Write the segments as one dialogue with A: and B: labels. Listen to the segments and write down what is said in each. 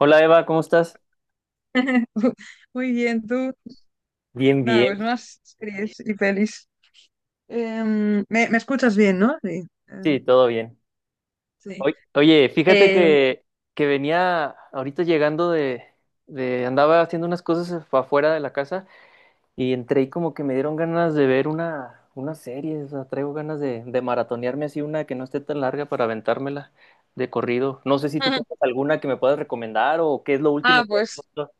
A: Hola Eva, ¿cómo estás?
B: Muy bien, tú.
A: Bien,
B: Nada,
A: bien.
B: pues más series y pelis. Me escuchas bien, ¿no? Sí.
A: Sí,
B: em,
A: todo bien.
B: sí.
A: Oye, fíjate
B: Eh,
A: que venía ahorita llegando de... Andaba haciendo unas cosas afuera de la casa y entré y como que me dieron ganas de ver una serie. O sea, traigo ganas de maratonearme así una que no esté tan larga para aventármela de corrido. No sé si tú tengas alguna que me puedas recomendar o qué es lo
B: ah,
A: último que has
B: pues
A: visto.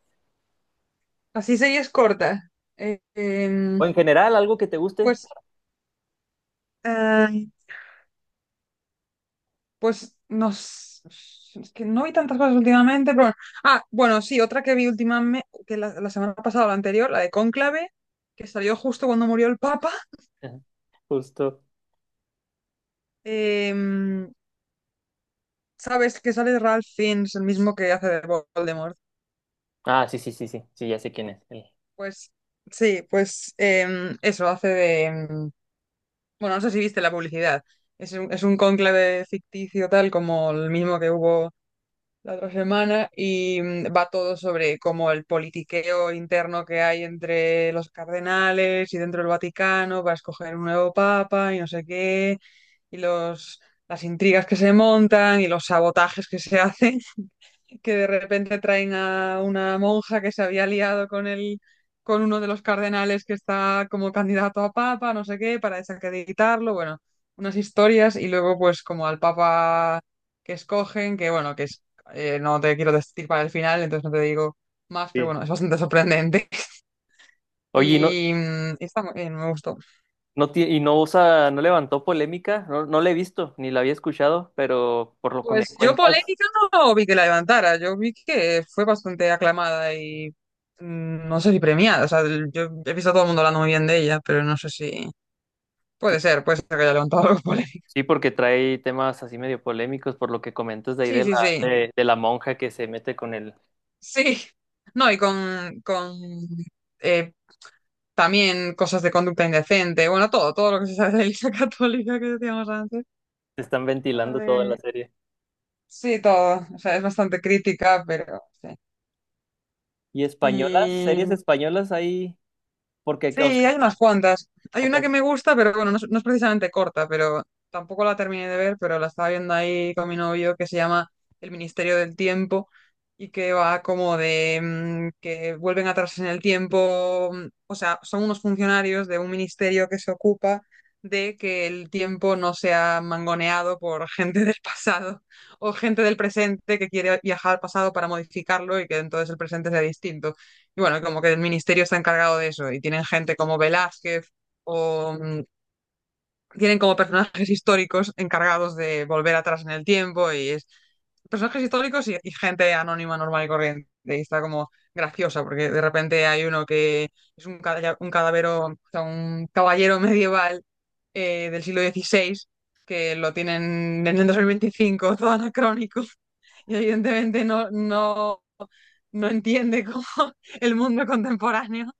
B: así series cortas. Eh, em,
A: O en general, algo que te guste.
B: pues, eh, pues nos... Es que no vi tantas cosas últimamente, pero bueno. Ah, bueno, sí, otra que vi últimamente, que la semana pasada o la anterior, la de Cónclave, que salió justo cuando murió el Papa.
A: Ajá. Justo.
B: Em, ¿Sabes que sale Ralph Fiennes, el mismo que hace de Voldemort?
A: Ah, sí, sí, sí, sí. Sí, ya sé quién es. Sí.
B: Pues sí, pues em, eso hace de... em, Bueno, no sé si viste la publicidad. Es un cónclave ficticio tal como el mismo que hubo la otra semana y va todo sobre como el politiqueo interno que hay entre los cardenales y dentro del Vaticano para escoger un nuevo papa y no sé qué, y las intrigas que se montan y los sabotajes que se hacen, que de repente traen a una monja que se había liado con uno de los cardenales que está como candidato a papa, no sé qué, para desacreditarlo. Bueno, unas historias, y luego pues como al papa que escogen, que bueno, que es, no te quiero decir para el final, entonces no te digo más, pero
A: Sí.
B: bueno, es bastante sorprendente.
A: Oye,
B: Y está muy bien, me gustó.
A: Y no usa, no levantó polémica, no, no la he visto, ni la había escuchado, pero por lo que me
B: Pues yo
A: cuentas,
B: polémica no vi que la levantara, yo vi que fue bastante aclamada y no sé si premiada. O sea, yo he visto a todo el mundo hablando muy bien de ella, pero no sé si
A: sí,
B: puede ser que haya levantado algo polémico.
A: sí, porque trae temas así medio polémicos, por lo que comentas de ahí
B: Sí,
A: de
B: sí, sí,
A: de la monja que se mete con el,
B: sí. No, y con eh, también cosas de conducta indecente. Bueno, todo, todo lo que se sabe de la Iglesia Católica que decíamos antes.
A: se están
B: con lo
A: ventilando toda la
B: de-
A: serie.
B: Sí, todo, o sea, es bastante crítica, pero
A: ¿Y españolas?
B: sí.
A: ¿Series españolas ahí? Porque,
B: Sí,
A: o sea,
B: hay unas cuantas. Hay una que
A: acá-
B: me gusta, pero bueno, no es precisamente corta, pero tampoco la terminé de ver, pero la estaba viendo ahí con mi novio, que se llama El Ministerio del Tiempo, y que va como de que vuelven atrás en el tiempo. O sea, son unos funcionarios de un ministerio que se ocupa de que el tiempo no sea mangoneado por gente del pasado o gente del presente que quiere viajar al pasado para modificarlo y que entonces el presente sea distinto. Y bueno, como que el ministerio está encargado de eso y tienen gente como Velázquez o mm, tienen como personajes históricos encargados de volver atrás en el tiempo, y es personajes históricos y gente anónima, normal y corriente. Y está como graciosa porque de repente hay uno que es un cadavero, o sea, un caballero medieval del siglo XVI, que lo tienen en el 2025, todo anacrónico y evidentemente no entiende cómo el mundo contemporáneo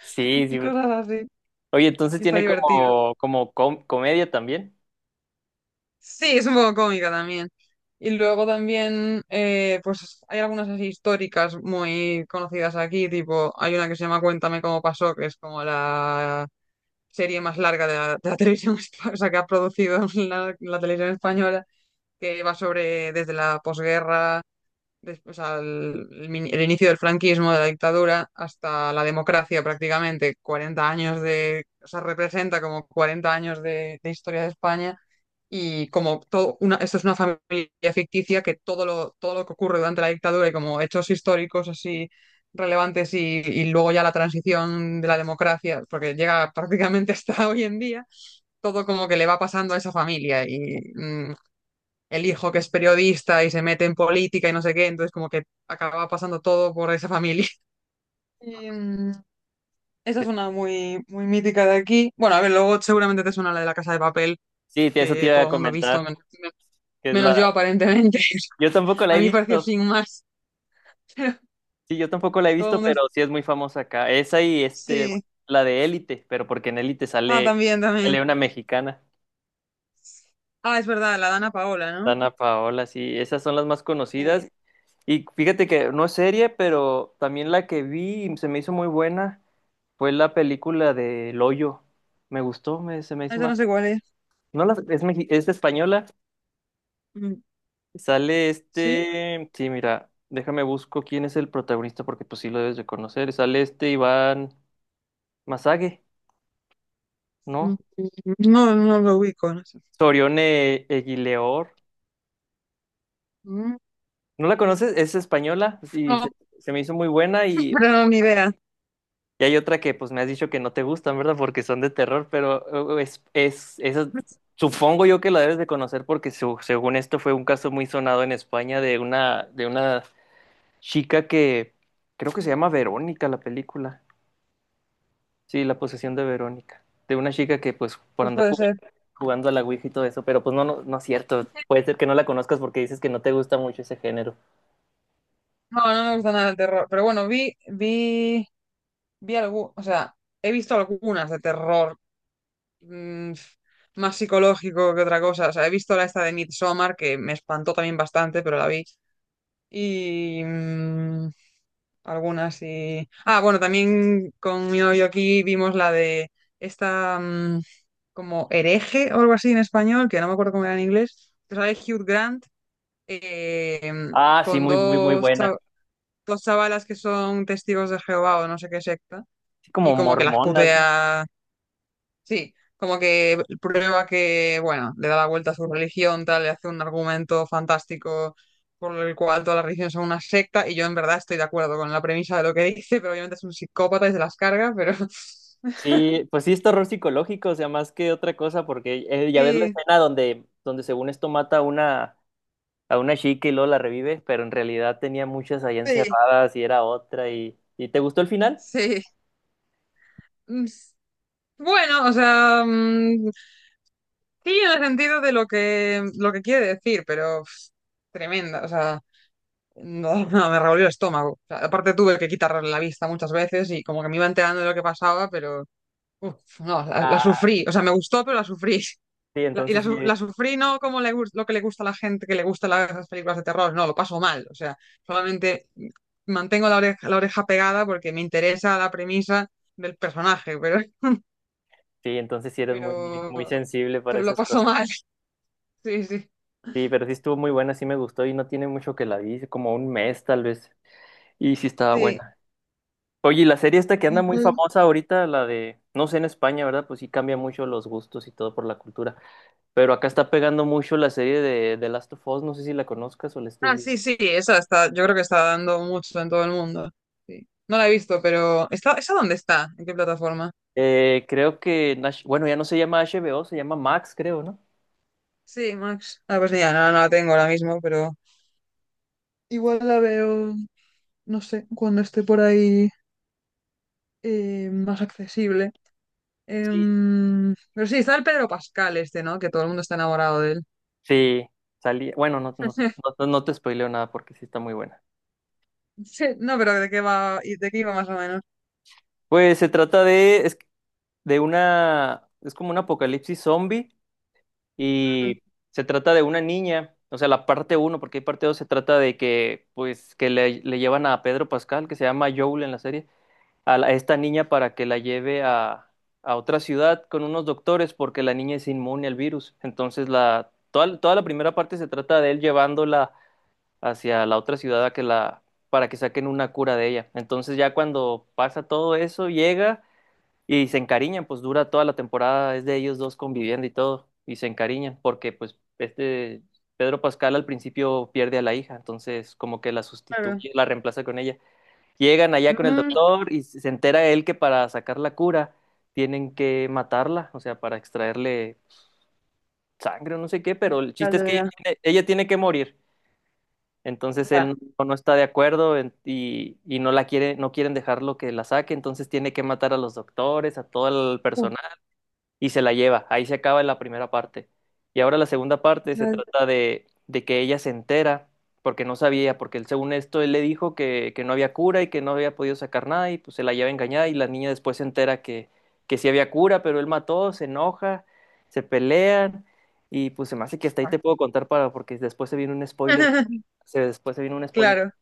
A: sí,
B: y
A: sí.
B: cosas así.
A: Oye, entonces
B: Y está
A: tiene
B: divertido.
A: como, comedia también.
B: Sí, es un poco cómica también. Y luego también, pues hay algunas así históricas muy conocidas aquí, tipo, hay una que se llama Cuéntame cómo pasó, que es como la serie más larga de de la televisión, o sea, que ha producido la televisión española, que va sobre desde la posguerra, o sea, el inicio del franquismo, de la dictadura, hasta la democracia prácticamente, 40 años de, o sea, representa como 40 años de historia de España, y como todo una, esto es una familia ficticia, que todo lo que ocurre durante la dictadura y como hechos históricos así relevantes, y luego ya la transición de la democracia, porque llega prácticamente hasta hoy en día, todo como que le va pasando a esa familia y el hijo que es periodista y se mete en política y no sé qué, entonces como que acaba pasando todo por esa familia. Y, mm, Esa es una muy, muy mítica de aquí. Bueno, a ver, luego seguramente te suena la de la Casa de Papel,
A: Sí, sí, eso te
B: que
A: iba
B: todo
A: a
B: el mundo ha visto,
A: comentar, que es la,
B: menos, yo aparentemente.
A: yo tampoco la
B: A
A: he
B: mí me pareció
A: visto.
B: sin más, pero
A: Sí, yo tampoco la he
B: todo el
A: visto,
B: mundo...
A: pero sí es muy famosa acá. Esa y este,
B: Sí.
A: la de Élite, pero porque en Élite
B: Ah,
A: sale,
B: también, también.
A: sale una mexicana,
B: Ah, es verdad, la Dana Paola, ¿no?
A: Dana Paola, sí, esas son las más
B: Sí.
A: conocidas. Y fíjate que no es serie, pero también la que vi y se me hizo muy buena fue la película de El Hoyo. Me gustó, me, se me
B: Ah,
A: hizo
B: esa
A: más.
B: no sé cuál es.
A: No la, es, es española.
B: Mm.
A: Sale
B: ¿Sí?
A: este. Sí, mira, déjame busco quién es el protagonista, porque pues sí lo debes de conocer. Sale este Iván Masague,
B: Mm.
A: ¿no?
B: No, no lo ubico, no sé.
A: Sorione Eguileor.
B: Mm.
A: ¿No la conoces? Es española y se,
B: No,
A: se me hizo muy buena
B: pero no, ni idea.
A: y hay otra que pues me has dicho que no te gustan, ¿verdad? Porque son de terror, pero esa- supongo yo que la debes de conocer porque según esto fue un caso muy sonado en España de una chica que creo que se llama Verónica la película. Sí, La posesión de Verónica. De una chica que pues por
B: Pues
A: andar
B: puede ser.
A: jugando a la Ouija y todo eso, pero pues no, no, no es cierto. Puede ser que no la conozcas porque dices que no te gusta mucho ese género.
B: No, no me gusta nada el terror. Pero bueno, vi algo, o sea, he visto algunas de terror, mm, más psicológico que otra cosa. O sea, he visto la esta de Midsommar, que me espantó también bastante, pero la vi. Y mm, Algunas y. Ah, bueno, también con mi novio aquí vimos la de esta, como hereje o algo así en español, que no me acuerdo cómo era en inglés. Pero sale Hugh Grant, eh,
A: Ah, sí,
B: con
A: muy, muy, muy buena.
B: dos chavalas que son testigos de Jehová o no sé qué secta,
A: Sí,
B: y
A: como
B: como que las
A: mormonas, ¿no?
B: putea. Sí, como que prueba que, bueno, le da la vuelta a su religión, tal, le hace un argumento fantástico por el cual toda la religión son una secta, y yo en verdad estoy de acuerdo con la premisa de lo que dice, pero obviamente es un psicópata y se las carga, pero
A: Sí, pues sí es terror psicológico, o sea, más que otra cosa, porque ya ves la
B: sí,
A: escena donde, donde según esto mata a una chica y luego la revive, pero en realidad tenía muchas ahí
B: sí,
A: encerradas y era otra ¿y te gustó el final?
B: sí. Mm, Bueno, o sea, sí, en el sentido de lo que, quiere decir, pero pff, tremenda, o sea. No, no, me revolvió el estómago. O sea, aparte tuve que quitar la vista muchas veces y como que me iba enterando de lo que pasaba, pero uf, no, la
A: Ah,
B: sufrí. O sea, me gustó, pero la sufrí.
A: sí, entonces sí,
B: La sufrí, no como lo que le gusta a la gente, que le gustan las películas de terror. No, lo paso mal. O sea, solamente mantengo la oreja pegada porque me interesa la premisa del personaje,
A: sí, entonces sí eres muy, muy,
B: pero,
A: muy sensible para
B: pero lo
A: esas
B: paso
A: cosas.
B: mal. Sí, sí,
A: Sí, pero sí estuvo muy buena, sí me gustó y no tiene mucho que la vi, como un mes tal vez, y sí estaba
B: sí.
A: buena. Oye, y la serie esta que anda muy famosa ahorita, la de, no sé en España, ¿verdad? Pues sí cambia mucho los gustos y todo por la cultura. Pero acá está pegando mucho la serie de The Last of Us, no sé si la conozcas o la estés
B: Ah,
A: viendo.
B: sí, sí, esa está, yo creo que está dando mucho en todo el mundo. Sí. No la he visto, pero esa dónde está? ¿En qué plataforma?
A: Creo que, en bueno, ya no se llama HBO, se llama Max, creo, ¿no?
B: Sí, Max. Ah, pues ya, no la tengo ahora mismo, pero igual la veo, no sé, cuando esté por ahí, más accesible.
A: Sí.
B: Pero sí, está el Pedro Pascal este, ¿no? Que todo el mundo está enamorado de él.
A: Sí, salía. Bueno, no, no, no, te no te spoileo nada porque sí está muy buena.
B: Sí, no, pero ¿de qué va? ¿Y de qué iba más o menos?
A: Pues se trata de, de una, es como un apocalipsis zombie
B: Mm,
A: y se trata de una niña, o sea, la parte uno, porque hay parte dos, se trata de que, pues, que le llevan a Pedro Pascal, que se llama Joel en la serie, a, a esta niña para que la lleve a otra ciudad con unos doctores, porque la niña es inmune al virus. Entonces, la, toda, toda la primera parte se trata de él llevándola hacia la otra ciudad a que la, para que saquen una cura de ella. Entonces, ya cuando pasa todo eso, llega. Y se encariñan, pues dura toda la temporada, es de ellos dos conviviendo y todo, y se encariñan, porque pues este Pedro Pascal al principio pierde a la hija, entonces como que la
B: claro.
A: sustituye, la reemplaza con ella. Llegan allá con el
B: Mm,
A: doctor y se entera él que para sacar la cura tienen que matarla, o sea, para extraerle sangre o no sé qué, pero el
B: ya,
A: chiste es
B: ya,
A: que
B: ya.
A: ella tiene que morir. Entonces él
B: Ya.
A: no, no está de acuerdo y no la quiere, no quieren dejarlo que la saque, entonces tiene que matar a los doctores, a todo el
B: Uh,
A: personal y se la lleva. Ahí se acaba la primera parte. Y ahora la segunda parte se
B: ya,
A: trata de que ella se entera, porque no sabía, porque él, según esto, él le dijo que no había cura y que no había podido sacar nada, y pues se la lleva engañada, y la niña después se entera que sí había cura, pero él mató, se enoja, se pelean, y pues se me hace que hasta ahí
B: ya.
A: te puedo contar para, porque después se viene un spoiler, se, después se viene un spoiler.
B: Claro.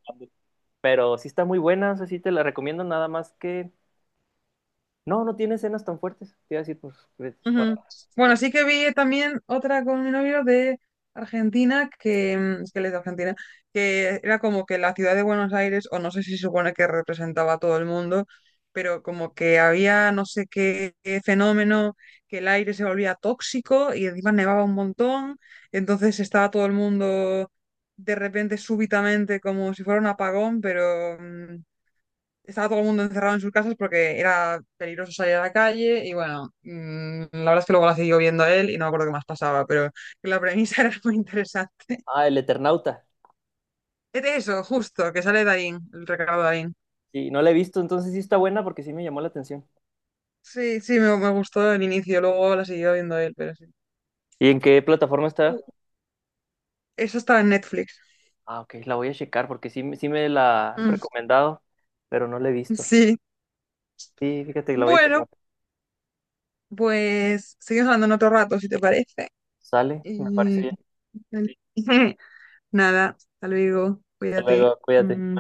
A: Pero sí está muy buena, o sea, sí te la recomiendo, nada más que... No, no tiene escenas tan fuertes, te iba a decir, pues, pues, para...
B: Ujú. Bueno, sí que vi también otra con mi novio de Argentina, es que él es de Argentina, que era como que la ciudad de Buenos Aires, o no sé si se supone que representaba a todo el mundo, pero como que había no sé qué, qué fenómeno, que el aire se volvía tóxico y encima nevaba un montón, entonces estaba todo el mundo de repente súbitamente como si fuera un apagón, pero, estaba todo el mundo encerrado en sus casas porque era peligroso salir a la calle, y bueno, la verdad es que luego la siguió viendo él y no me acuerdo qué más pasaba, pero la premisa era muy interesante.
A: Ah, el Eternauta.
B: Es de eso, justo, que sale Darín, el recado de Darín.
A: Sí, no la he visto, entonces sí está buena porque sí me llamó la atención.
B: Sí, sí, me gustó el inicio, luego la siguió viendo él, pero sí.
A: ¿Y en qué plataforma
B: Uh,
A: está?
B: Eso estaba en Netflix.
A: Ah, ok, la voy a checar porque sí, sí me la han
B: Mm,
A: recomendado, pero no la he visto.
B: sí.
A: Sí, fíjate que la voy a
B: Bueno,
A: checar.
B: pues seguimos hablando en otro rato, si te parece.
A: Sale, me parece bien.
B: Y... Nada, hasta luego,
A: Hasta
B: cuídate.
A: luego, cuídate.
B: Mm.